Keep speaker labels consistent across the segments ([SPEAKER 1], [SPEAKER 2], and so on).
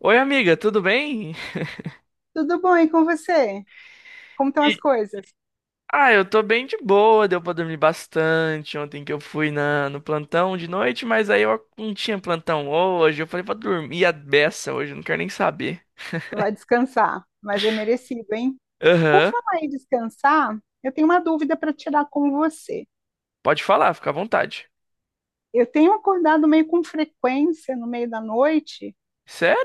[SPEAKER 1] Oi, amiga, tudo bem?
[SPEAKER 2] Tudo bom, e com você? Como estão as
[SPEAKER 1] E-
[SPEAKER 2] coisas?
[SPEAKER 1] Ah, eu tô bem de boa, deu pra dormir bastante ontem que eu fui no plantão de noite, mas aí eu não tinha plantão hoje, eu falei pra dormir a beça hoje, eu não quero nem saber.
[SPEAKER 2] Vai descansar, mas é merecido, hein? Por
[SPEAKER 1] Aham,
[SPEAKER 2] falar em descansar, eu tenho uma dúvida para tirar com você.
[SPEAKER 1] pode falar, fica à vontade.
[SPEAKER 2] Eu tenho acordado meio com frequência no meio da noite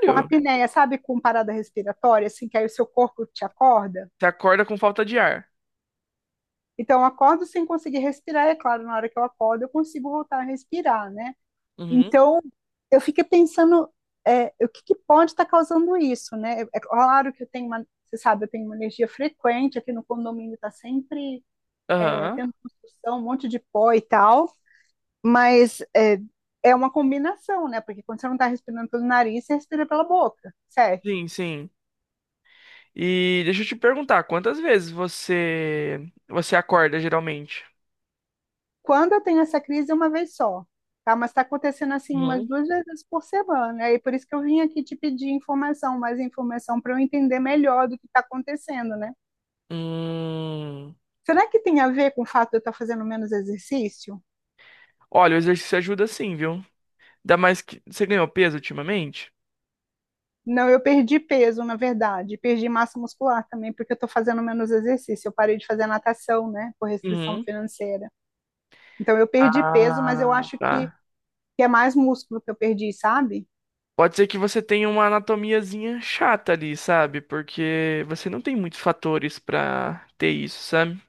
[SPEAKER 2] com apneia, sabe, com parada respiratória, assim que aí o seu corpo te acorda.
[SPEAKER 1] Você acorda com falta de ar?
[SPEAKER 2] Então, eu acordo sem conseguir respirar, é claro, na hora que eu acordo eu consigo voltar a respirar, né?
[SPEAKER 1] Uhum,
[SPEAKER 2] Então, eu fiquei pensando, o que, que pode estar causando isso, né? É claro que eu tenho uma, você sabe, eu tenho uma energia frequente aqui no condomínio, está sempre
[SPEAKER 1] aham,
[SPEAKER 2] tendo construção, um monte de pó e tal, mas é, é uma combinação, né? Porque quando você não está respirando pelo nariz, você respira pela boca, certo?
[SPEAKER 1] sim, sim. E deixa eu te perguntar, quantas vezes você acorda geralmente?
[SPEAKER 2] Quando eu tenho essa crise, é uma vez só, tá? Mas está acontecendo assim umas
[SPEAKER 1] Uhum.
[SPEAKER 2] duas vezes por semana, aí por isso que eu vim aqui te pedir informação, mais informação para eu entender melhor do que está acontecendo, né?
[SPEAKER 1] Hum,
[SPEAKER 2] Será que tem a ver com o fato de eu estar fazendo menos exercício?
[SPEAKER 1] olha, o exercício ajuda sim, viu? Ainda mais que você ganhou peso ultimamente?
[SPEAKER 2] Não, eu perdi peso, na verdade, perdi massa muscular também, porque eu estou fazendo menos exercício. Eu parei de fazer natação, né, por restrição
[SPEAKER 1] Uhum.
[SPEAKER 2] financeira. Então, eu perdi peso, mas eu
[SPEAKER 1] Ah,
[SPEAKER 2] acho
[SPEAKER 1] tá.
[SPEAKER 2] que é mais músculo que eu perdi, sabe?
[SPEAKER 1] Pode ser que você tenha uma anatomiazinha chata ali, sabe? Porque você não tem muitos fatores pra ter isso, sabe?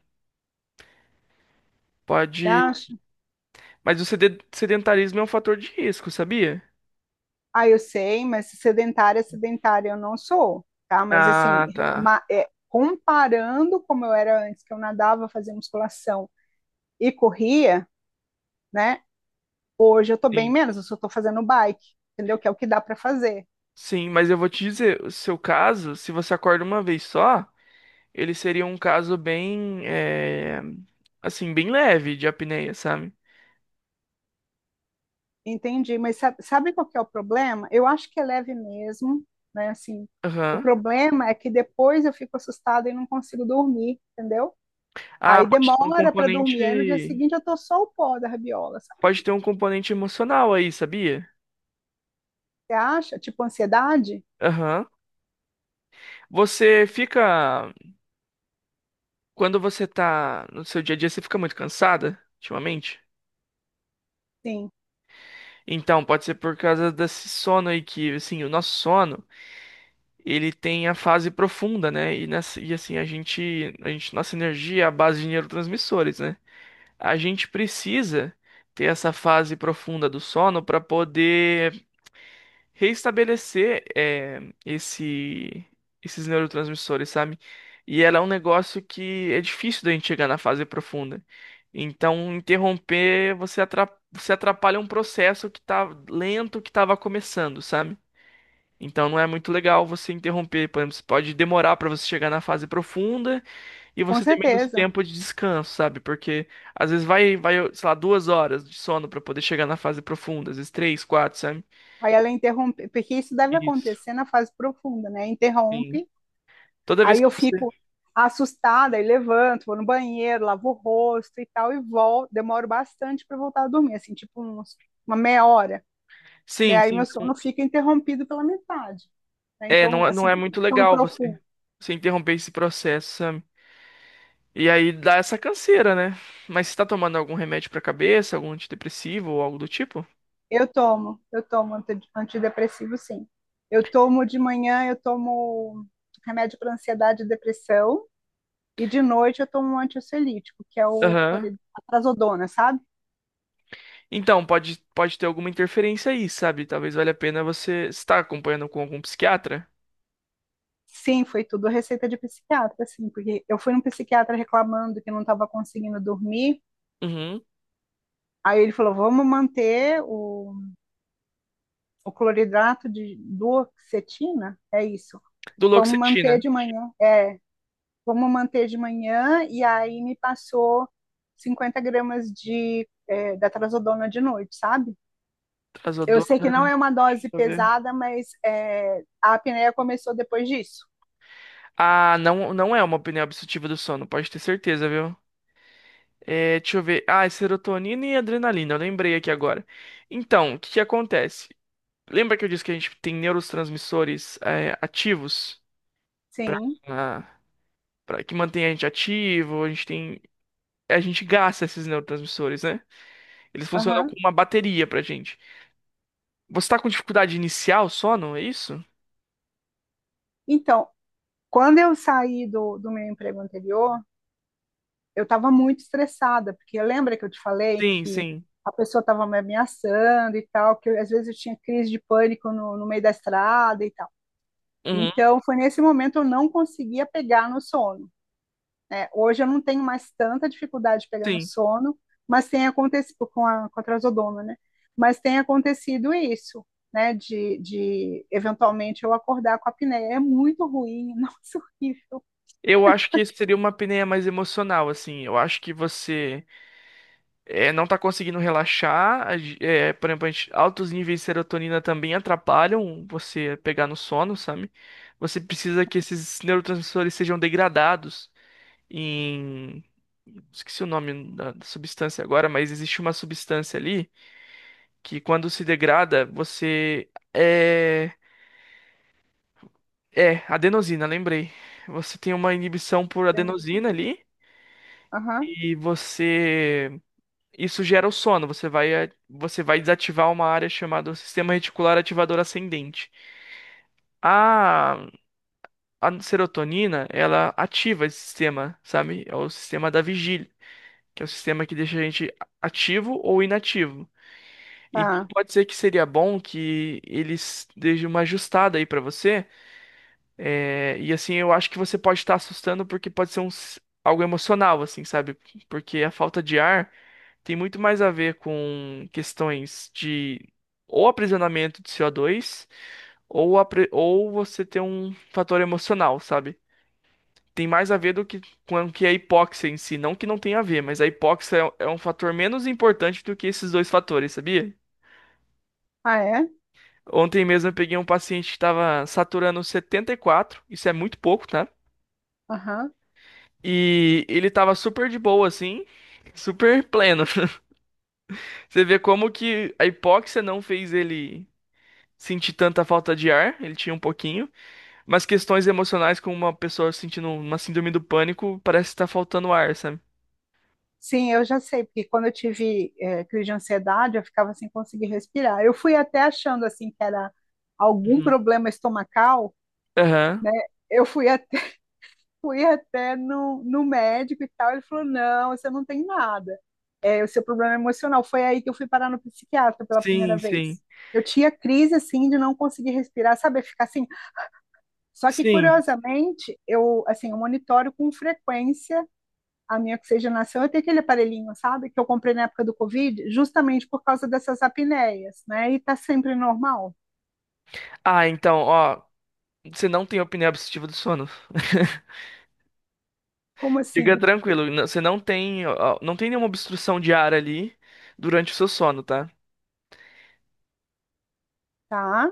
[SPEAKER 2] Você
[SPEAKER 1] Pode.
[SPEAKER 2] acha?
[SPEAKER 1] Mas o sedentarismo é um fator de risco, sabia?
[SPEAKER 2] Ah, eu sei, mas sedentária, é sedentária eu não sou, tá? Mas, assim,
[SPEAKER 1] Ah, tá.
[SPEAKER 2] é, comparando como eu era antes, que eu nadava, fazia musculação e corria, né? Hoje eu tô bem
[SPEAKER 1] Sim.
[SPEAKER 2] menos, eu só tô fazendo bike, entendeu? Que é o que dá para fazer.
[SPEAKER 1] Sim, mas eu vou te dizer, o seu caso, se você acorda uma vez só, ele seria um caso bem, assim, bem leve de apneia, sabe?
[SPEAKER 2] Entendi, mas sabe, sabe qual que é o problema? Eu acho que é leve mesmo, né? Assim, o
[SPEAKER 1] Aham.
[SPEAKER 2] problema é que depois eu fico assustada e não consigo dormir, entendeu?
[SPEAKER 1] Ah,
[SPEAKER 2] Aí
[SPEAKER 1] pode ter um
[SPEAKER 2] demora para dormir, aí no dia
[SPEAKER 1] componente.
[SPEAKER 2] seguinte eu tô só o pó da rabiola, sabe?
[SPEAKER 1] Pode ter um componente emocional aí, sabia?
[SPEAKER 2] Você acha? Tipo ansiedade?
[SPEAKER 1] Aham. Você fica. Quando você tá no seu dia a dia, você fica muito cansada, ultimamente?
[SPEAKER 2] Sim,
[SPEAKER 1] Então, pode ser por causa desse sono aí que, assim, o nosso sono, ele tem a fase profunda, né? E, nessa, e assim, a gente, nossa energia é a base de neurotransmissores, né? A gente precisa ter essa fase profunda do sono para poder reestabelecer esse, esses neurotransmissores, sabe? E ela é um negócio que é difícil da gente chegar na fase profunda. Então, interromper, você atrapalha um processo que tá lento, que tava começando, sabe? Então, não é muito legal você interromper. Por exemplo, você pode demorar para você chegar na fase profunda e
[SPEAKER 2] com
[SPEAKER 1] você ter menos
[SPEAKER 2] certeza.
[SPEAKER 1] tempo de descanso, sabe? Porque às vezes vai, sei lá, duas horas de sono para poder chegar na fase profunda, às vezes três, quatro, sabe?
[SPEAKER 2] Aí ela interrompe, porque isso deve
[SPEAKER 1] Isso.
[SPEAKER 2] acontecer na fase profunda, né?
[SPEAKER 1] Sim.
[SPEAKER 2] Interrompe.
[SPEAKER 1] Toda vez
[SPEAKER 2] Aí
[SPEAKER 1] que
[SPEAKER 2] eu
[SPEAKER 1] você.
[SPEAKER 2] fico assustada e levanto, vou no banheiro, lavo o rosto e tal, e volto. Demoro bastante para voltar a dormir, assim, uma meia hora. Né?
[SPEAKER 1] Sim,
[SPEAKER 2] Aí
[SPEAKER 1] sim.
[SPEAKER 2] meu
[SPEAKER 1] Não...
[SPEAKER 2] sono fica interrompido pela metade. Né?
[SPEAKER 1] É, não,
[SPEAKER 2] Então,
[SPEAKER 1] não é
[SPEAKER 2] assim,
[SPEAKER 1] muito
[SPEAKER 2] sono
[SPEAKER 1] legal você,
[SPEAKER 2] profundo.
[SPEAKER 1] você interromper esse processo, sabe? E aí dá essa canseira, né? Mas você tá tomando algum remédio pra cabeça, algum antidepressivo ou algo do tipo?
[SPEAKER 2] Eu tomo antidepressivo, sim. Eu tomo de manhã, eu tomo remédio para ansiedade e depressão, e de noite eu tomo um antiocelítico, que é
[SPEAKER 1] Aham.
[SPEAKER 2] a trazodona, sabe?
[SPEAKER 1] Então, pode ter alguma interferência aí, sabe? Talvez valha a pena você estar acompanhando com algum psiquiatra.
[SPEAKER 2] Sim, foi tudo receita de psiquiatra, assim, porque eu fui num psiquiatra reclamando que não estava conseguindo dormir.
[SPEAKER 1] Uhum.
[SPEAKER 2] Aí ele falou: vamos manter o cloridrato de duoxetina, é isso.
[SPEAKER 1] Do
[SPEAKER 2] Vamos manter
[SPEAKER 1] Duloxetina,
[SPEAKER 2] de manhã. É, vamos manter de manhã. E aí me passou 50 gramas da trazodona de noite, sabe? Eu sei que não
[SPEAKER 1] trazodona,
[SPEAKER 2] é uma
[SPEAKER 1] deixa
[SPEAKER 2] dose
[SPEAKER 1] eu ver.
[SPEAKER 2] pesada, mas é, a apneia começou depois disso.
[SPEAKER 1] Ah, não, não é uma apneia obstrutiva do sono, pode ter certeza, viu? É, deixa eu ver. Ah, é serotonina e adrenalina. Eu lembrei aqui agora. Então, o que que acontece? Lembra que eu disse que a gente tem neurotransmissores ativos
[SPEAKER 2] Sim,
[SPEAKER 1] na... que mantém a gente ativo? A gente tem, a gente gasta esses neurotransmissores, né? Eles funcionam
[SPEAKER 2] aham.
[SPEAKER 1] como uma bateria pra gente. Você tá com dificuldade inicial só, não é isso?
[SPEAKER 2] Então, quando eu saí do meu emprego anterior, eu estava muito estressada, porque lembra que eu te falei
[SPEAKER 1] Sim,
[SPEAKER 2] que
[SPEAKER 1] sim.
[SPEAKER 2] a pessoa estava me ameaçando e tal, que eu, às vezes eu tinha crise de pânico no meio da estrada e tal.
[SPEAKER 1] Uhum,
[SPEAKER 2] Então, foi nesse momento eu não conseguia pegar no sono. Né? Hoje eu não tenho mais tanta dificuldade de pegar no
[SPEAKER 1] sim.
[SPEAKER 2] sono, mas tem acontecido com a trazodona, né? Mas tem acontecido isso, né? De eventualmente eu acordar com a apneia. É muito ruim, nossa, horrível.
[SPEAKER 1] Eu acho que isso seria uma apneia mais emocional, assim. Eu acho que você não tá conseguindo relaxar. É, por exemplo, altos níveis de serotonina também atrapalham você pegar no sono, sabe? Você precisa que esses neurotransmissores sejam degradados em... Esqueci o nome da substância agora, mas existe uma substância ali que quando se degrada, você... É... É, adenosina, lembrei. Você tem uma inibição por adenosina ali
[SPEAKER 2] Aham,
[SPEAKER 1] e você... Isso gera o sono. Você vai, você vai desativar uma área chamada sistema reticular ativador ascendente. A, a serotonina, ela ativa esse sistema, sabe? É o sistema da vigília, que é o sistema que deixa a gente ativo ou inativo. E
[SPEAKER 2] tá.
[SPEAKER 1] pode ser que seria bom que eles deixem uma ajustada aí pra você. E assim, eu acho que você pode estar assustando porque pode ser algo emocional, assim, sabe? Porque a falta de ar. Tem muito mais a ver com questões de ou aprisionamento de CO2 ou, ou você ter um fator emocional, sabe? Tem mais a ver do que com que a hipóxia em si, não que não tenha a ver, mas a hipóxia é um fator menos importante do que esses dois fatores, sabia?
[SPEAKER 2] Ah, é?
[SPEAKER 1] Ontem mesmo eu peguei um paciente que estava saturando 74, isso é muito pouco, tá?
[SPEAKER 2] Aham.
[SPEAKER 1] E ele tava super de boa assim, super pleno. Você vê como que a hipóxia não fez ele sentir tanta falta de ar, ele tinha um pouquinho, mas questões emocionais como uma pessoa sentindo uma síndrome do pânico, parece estar faltando ar, sabe?
[SPEAKER 2] Sim, eu já sei, porque quando eu tive crise de ansiedade, eu ficava sem conseguir respirar. Eu fui até achando, assim, que era algum
[SPEAKER 1] Uhum.
[SPEAKER 2] problema estomacal,
[SPEAKER 1] Aham.
[SPEAKER 2] né? Eu fui até, fui até no médico e tal, ele falou, não, você não tem nada. É, o seu problema é emocional. Foi aí que eu fui parar no psiquiatra pela primeira
[SPEAKER 1] Sim, sim.
[SPEAKER 2] vez. Eu tinha crise, assim, de não conseguir respirar, sabe? Ficar assim... Só que,
[SPEAKER 1] Sim.
[SPEAKER 2] curiosamente, eu, assim, eu monitoro com frequência a minha oxigenação, eu tenho aquele aparelhinho, sabe, que eu comprei na época do Covid, justamente por causa dessas apneias, né? E tá sempre normal.
[SPEAKER 1] Ah, então, ó, você não tem apneia obstrutiva do sono.
[SPEAKER 2] Como
[SPEAKER 1] Fica
[SPEAKER 2] assim?
[SPEAKER 1] tranquilo, você não tem, ó, não tem nenhuma obstrução de ar ali durante o seu sono, tá?
[SPEAKER 2] Tá?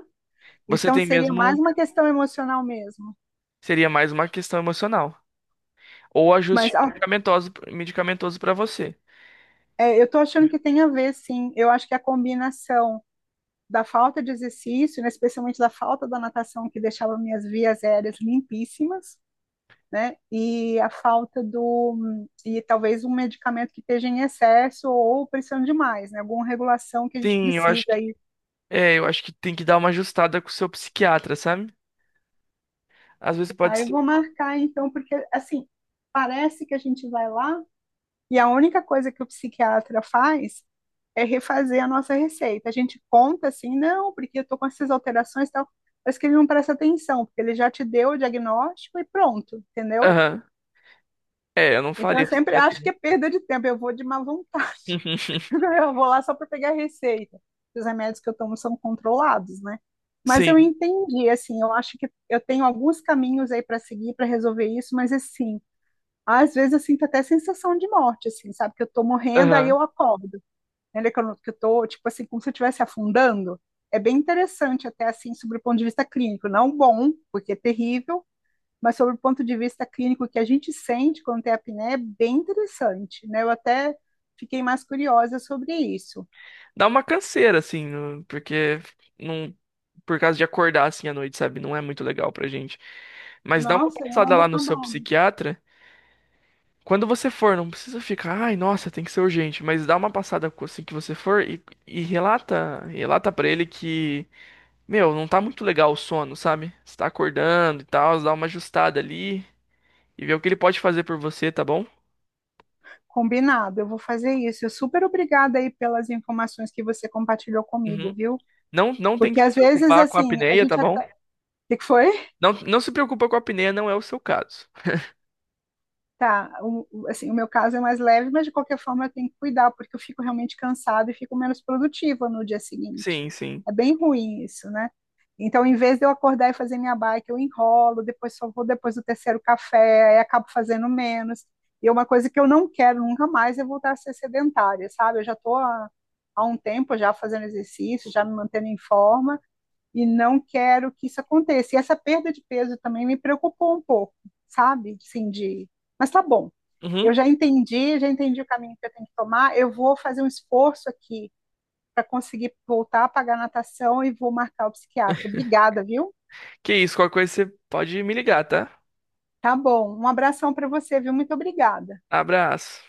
[SPEAKER 1] Você
[SPEAKER 2] Então
[SPEAKER 1] tem
[SPEAKER 2] seria mais
[SPEAKER 1] mesmo,
[SPEAKER 2] uma questão emocional mesmo.
[SPEAKER 1] seria mais uma questão emocional. Ou ajuste
[SPEAKER 2] Mas ó,
[SPEAKER 1] medicamentoso, medicamentoso para você.
[SPEAKER 2] é, eu tô achando que tem a ver, sim. Eu acho que a combinação da falta de exercício, né, especialmente da falta da natação, que deixava minhas vias aéreas limpíssimas, né? E a falta do e talvez um medicamento que esteja em excesso ou precisando demais, né? Alguma regulação que a gente
[SPEAKER 1] Sim, eu
[SPEAKER 2] precisa
[SPEAKER 1] acho.
[SPEAKER 2] aí.
[SPEAKER 1] É, eu acho que tem que dar uma ajustada com o seu psiquiatra, sabe? Às vezes pode
[SPEAKER 2] Tá, eu
[SPEAKER 1] ser.
[SPEAKER 2] vou marcar então, porque assim, parece que a gente vai lá e a única coisa que o psiquiatra faz é refazer a nossa receita. A gente conta assim, não, porque eu tô com essas alterações e tal, mas que ele não presta atenção, porque ele já te deu o diagnóstico e pronto, entendeu?
[SPEAKER 1] Aham. É, eu não
[SPEAKER 2] Então eu
[SPEAKER 1] faria
[SPEAKER 2] sempre acho que
[SPEAKER 1] psiquiatria.
[SPEAKER 2] é perda de tempo, eu vou de má vontade, eu vou lá só para pegar a receita. Os remédios que eu tomo são controlados, né? Mas eu
[SPEAKER 1] Sim.
[SPEAKER 2] entendi, assim, eu acho que eu tenho alguns caminhos aí para seguir para resolver isso, mas assim, às vezes eu sinto até sensação de morte, assim, sabe? Que eu tô morrendo, aí
[SPEAKER 1] Aham.
[SPEAKER 2] eu acordo. Né? que eu, não- que eu tô, tipo assim, como se eu estivesse afundando? É bem interessante, até assim, sobre o ponto de vista clínico. Não bom, porque é terrível, mas sobre o ponto de vista clínico que a gente sente quando tem apneia, é bem interessante, né? Eu até fiquei mais curiosa sobre isso.
[SPEAKER 1] Dá uma canseira, assim, porque não. Por causa de acordar assim à noite, sabe? Não é muito legal pra gente. Mas dá uma
[SPEAKER 2] Nossa, eu não
[SPEAKER 1] passada
[SPEAKER 2] ando
[SPEAKER 1] lá no seu
[SPEAKER 2] acabando.
[SPEAKER 1] psiquiatra. Quando você for, não precisa ficar, ai, nossa, tem que ser urgente, mas dá uma passada assim que você for e relata para ele que meu, não tá muito legal o sono, sabe? Você tá acordando e tal, dá uma ajustada ali e vê o que ele pode fazer por você, tá bom?
[SPEAKER 2] Combinado, eu vou fazer isso. Eu super obrigada aí pelas informações que você compartilhou comigo,
[SPEAKER 1] Uhum.
[SPEAKER 2] viu?
[SPEAKER 1] Não, não tem que
[SPEAKER 2] Porque
[SPEAKER 1] se
[SPEAKER 2] às vezes,
[SPEAKER 1] preocupar com a
[SPEAKER 2] assim, a
[SPEAKER 1] apneia, tá
[SPEAKER 2] gente
[SPEAKER 1] bom?
[SPEAKER 2] até. O que que foi?
[SPEAKER 1] Não, não se preocupa com a apneia, não é o seu caso.
[SPEAKER 2] Tá, assim, o meu caso é mais leve, mas de qualquer forma eu tenho que cuidar, porque eu fico realmente cansada e fico menos produtiva no dia seguinte.
[SPEAKER 1] Sim, sim.
[SPEAKER 2] É bem ruim isso, né? Então, em vez de eu acordar e fazer minha bike, eu enrolo, depois só vou depois do terceiro café, aí acabo fazendo menos. E é uma coisa que eu não quero nunca mais é voltar a ser sedentária, sabe? Eu já estou há, há um tempo já fazendo exercício, já me mantendo em forma, e não quero que isso aconteça. E essa perda de peso também me preocupou um pouco, sabe? Assim, de... Mas tá bom,
[SPEAKER 1] Uhum.
[SPEAKER 2] eu já entendi o caminho que eu tenho que tomar, eu vou fazer um esforço aqui para conseguir voltar a pagar a natação e vou marcar o psiquiatra. Obrigada, viu?
[SPEAKER 1] Que isso, qualquer coisa você pode me ligar, tá?
[SPEAKER 2] Tá bom, um abração para você, viu? Muito obrigada.
[SPEAKER 1] Abraço.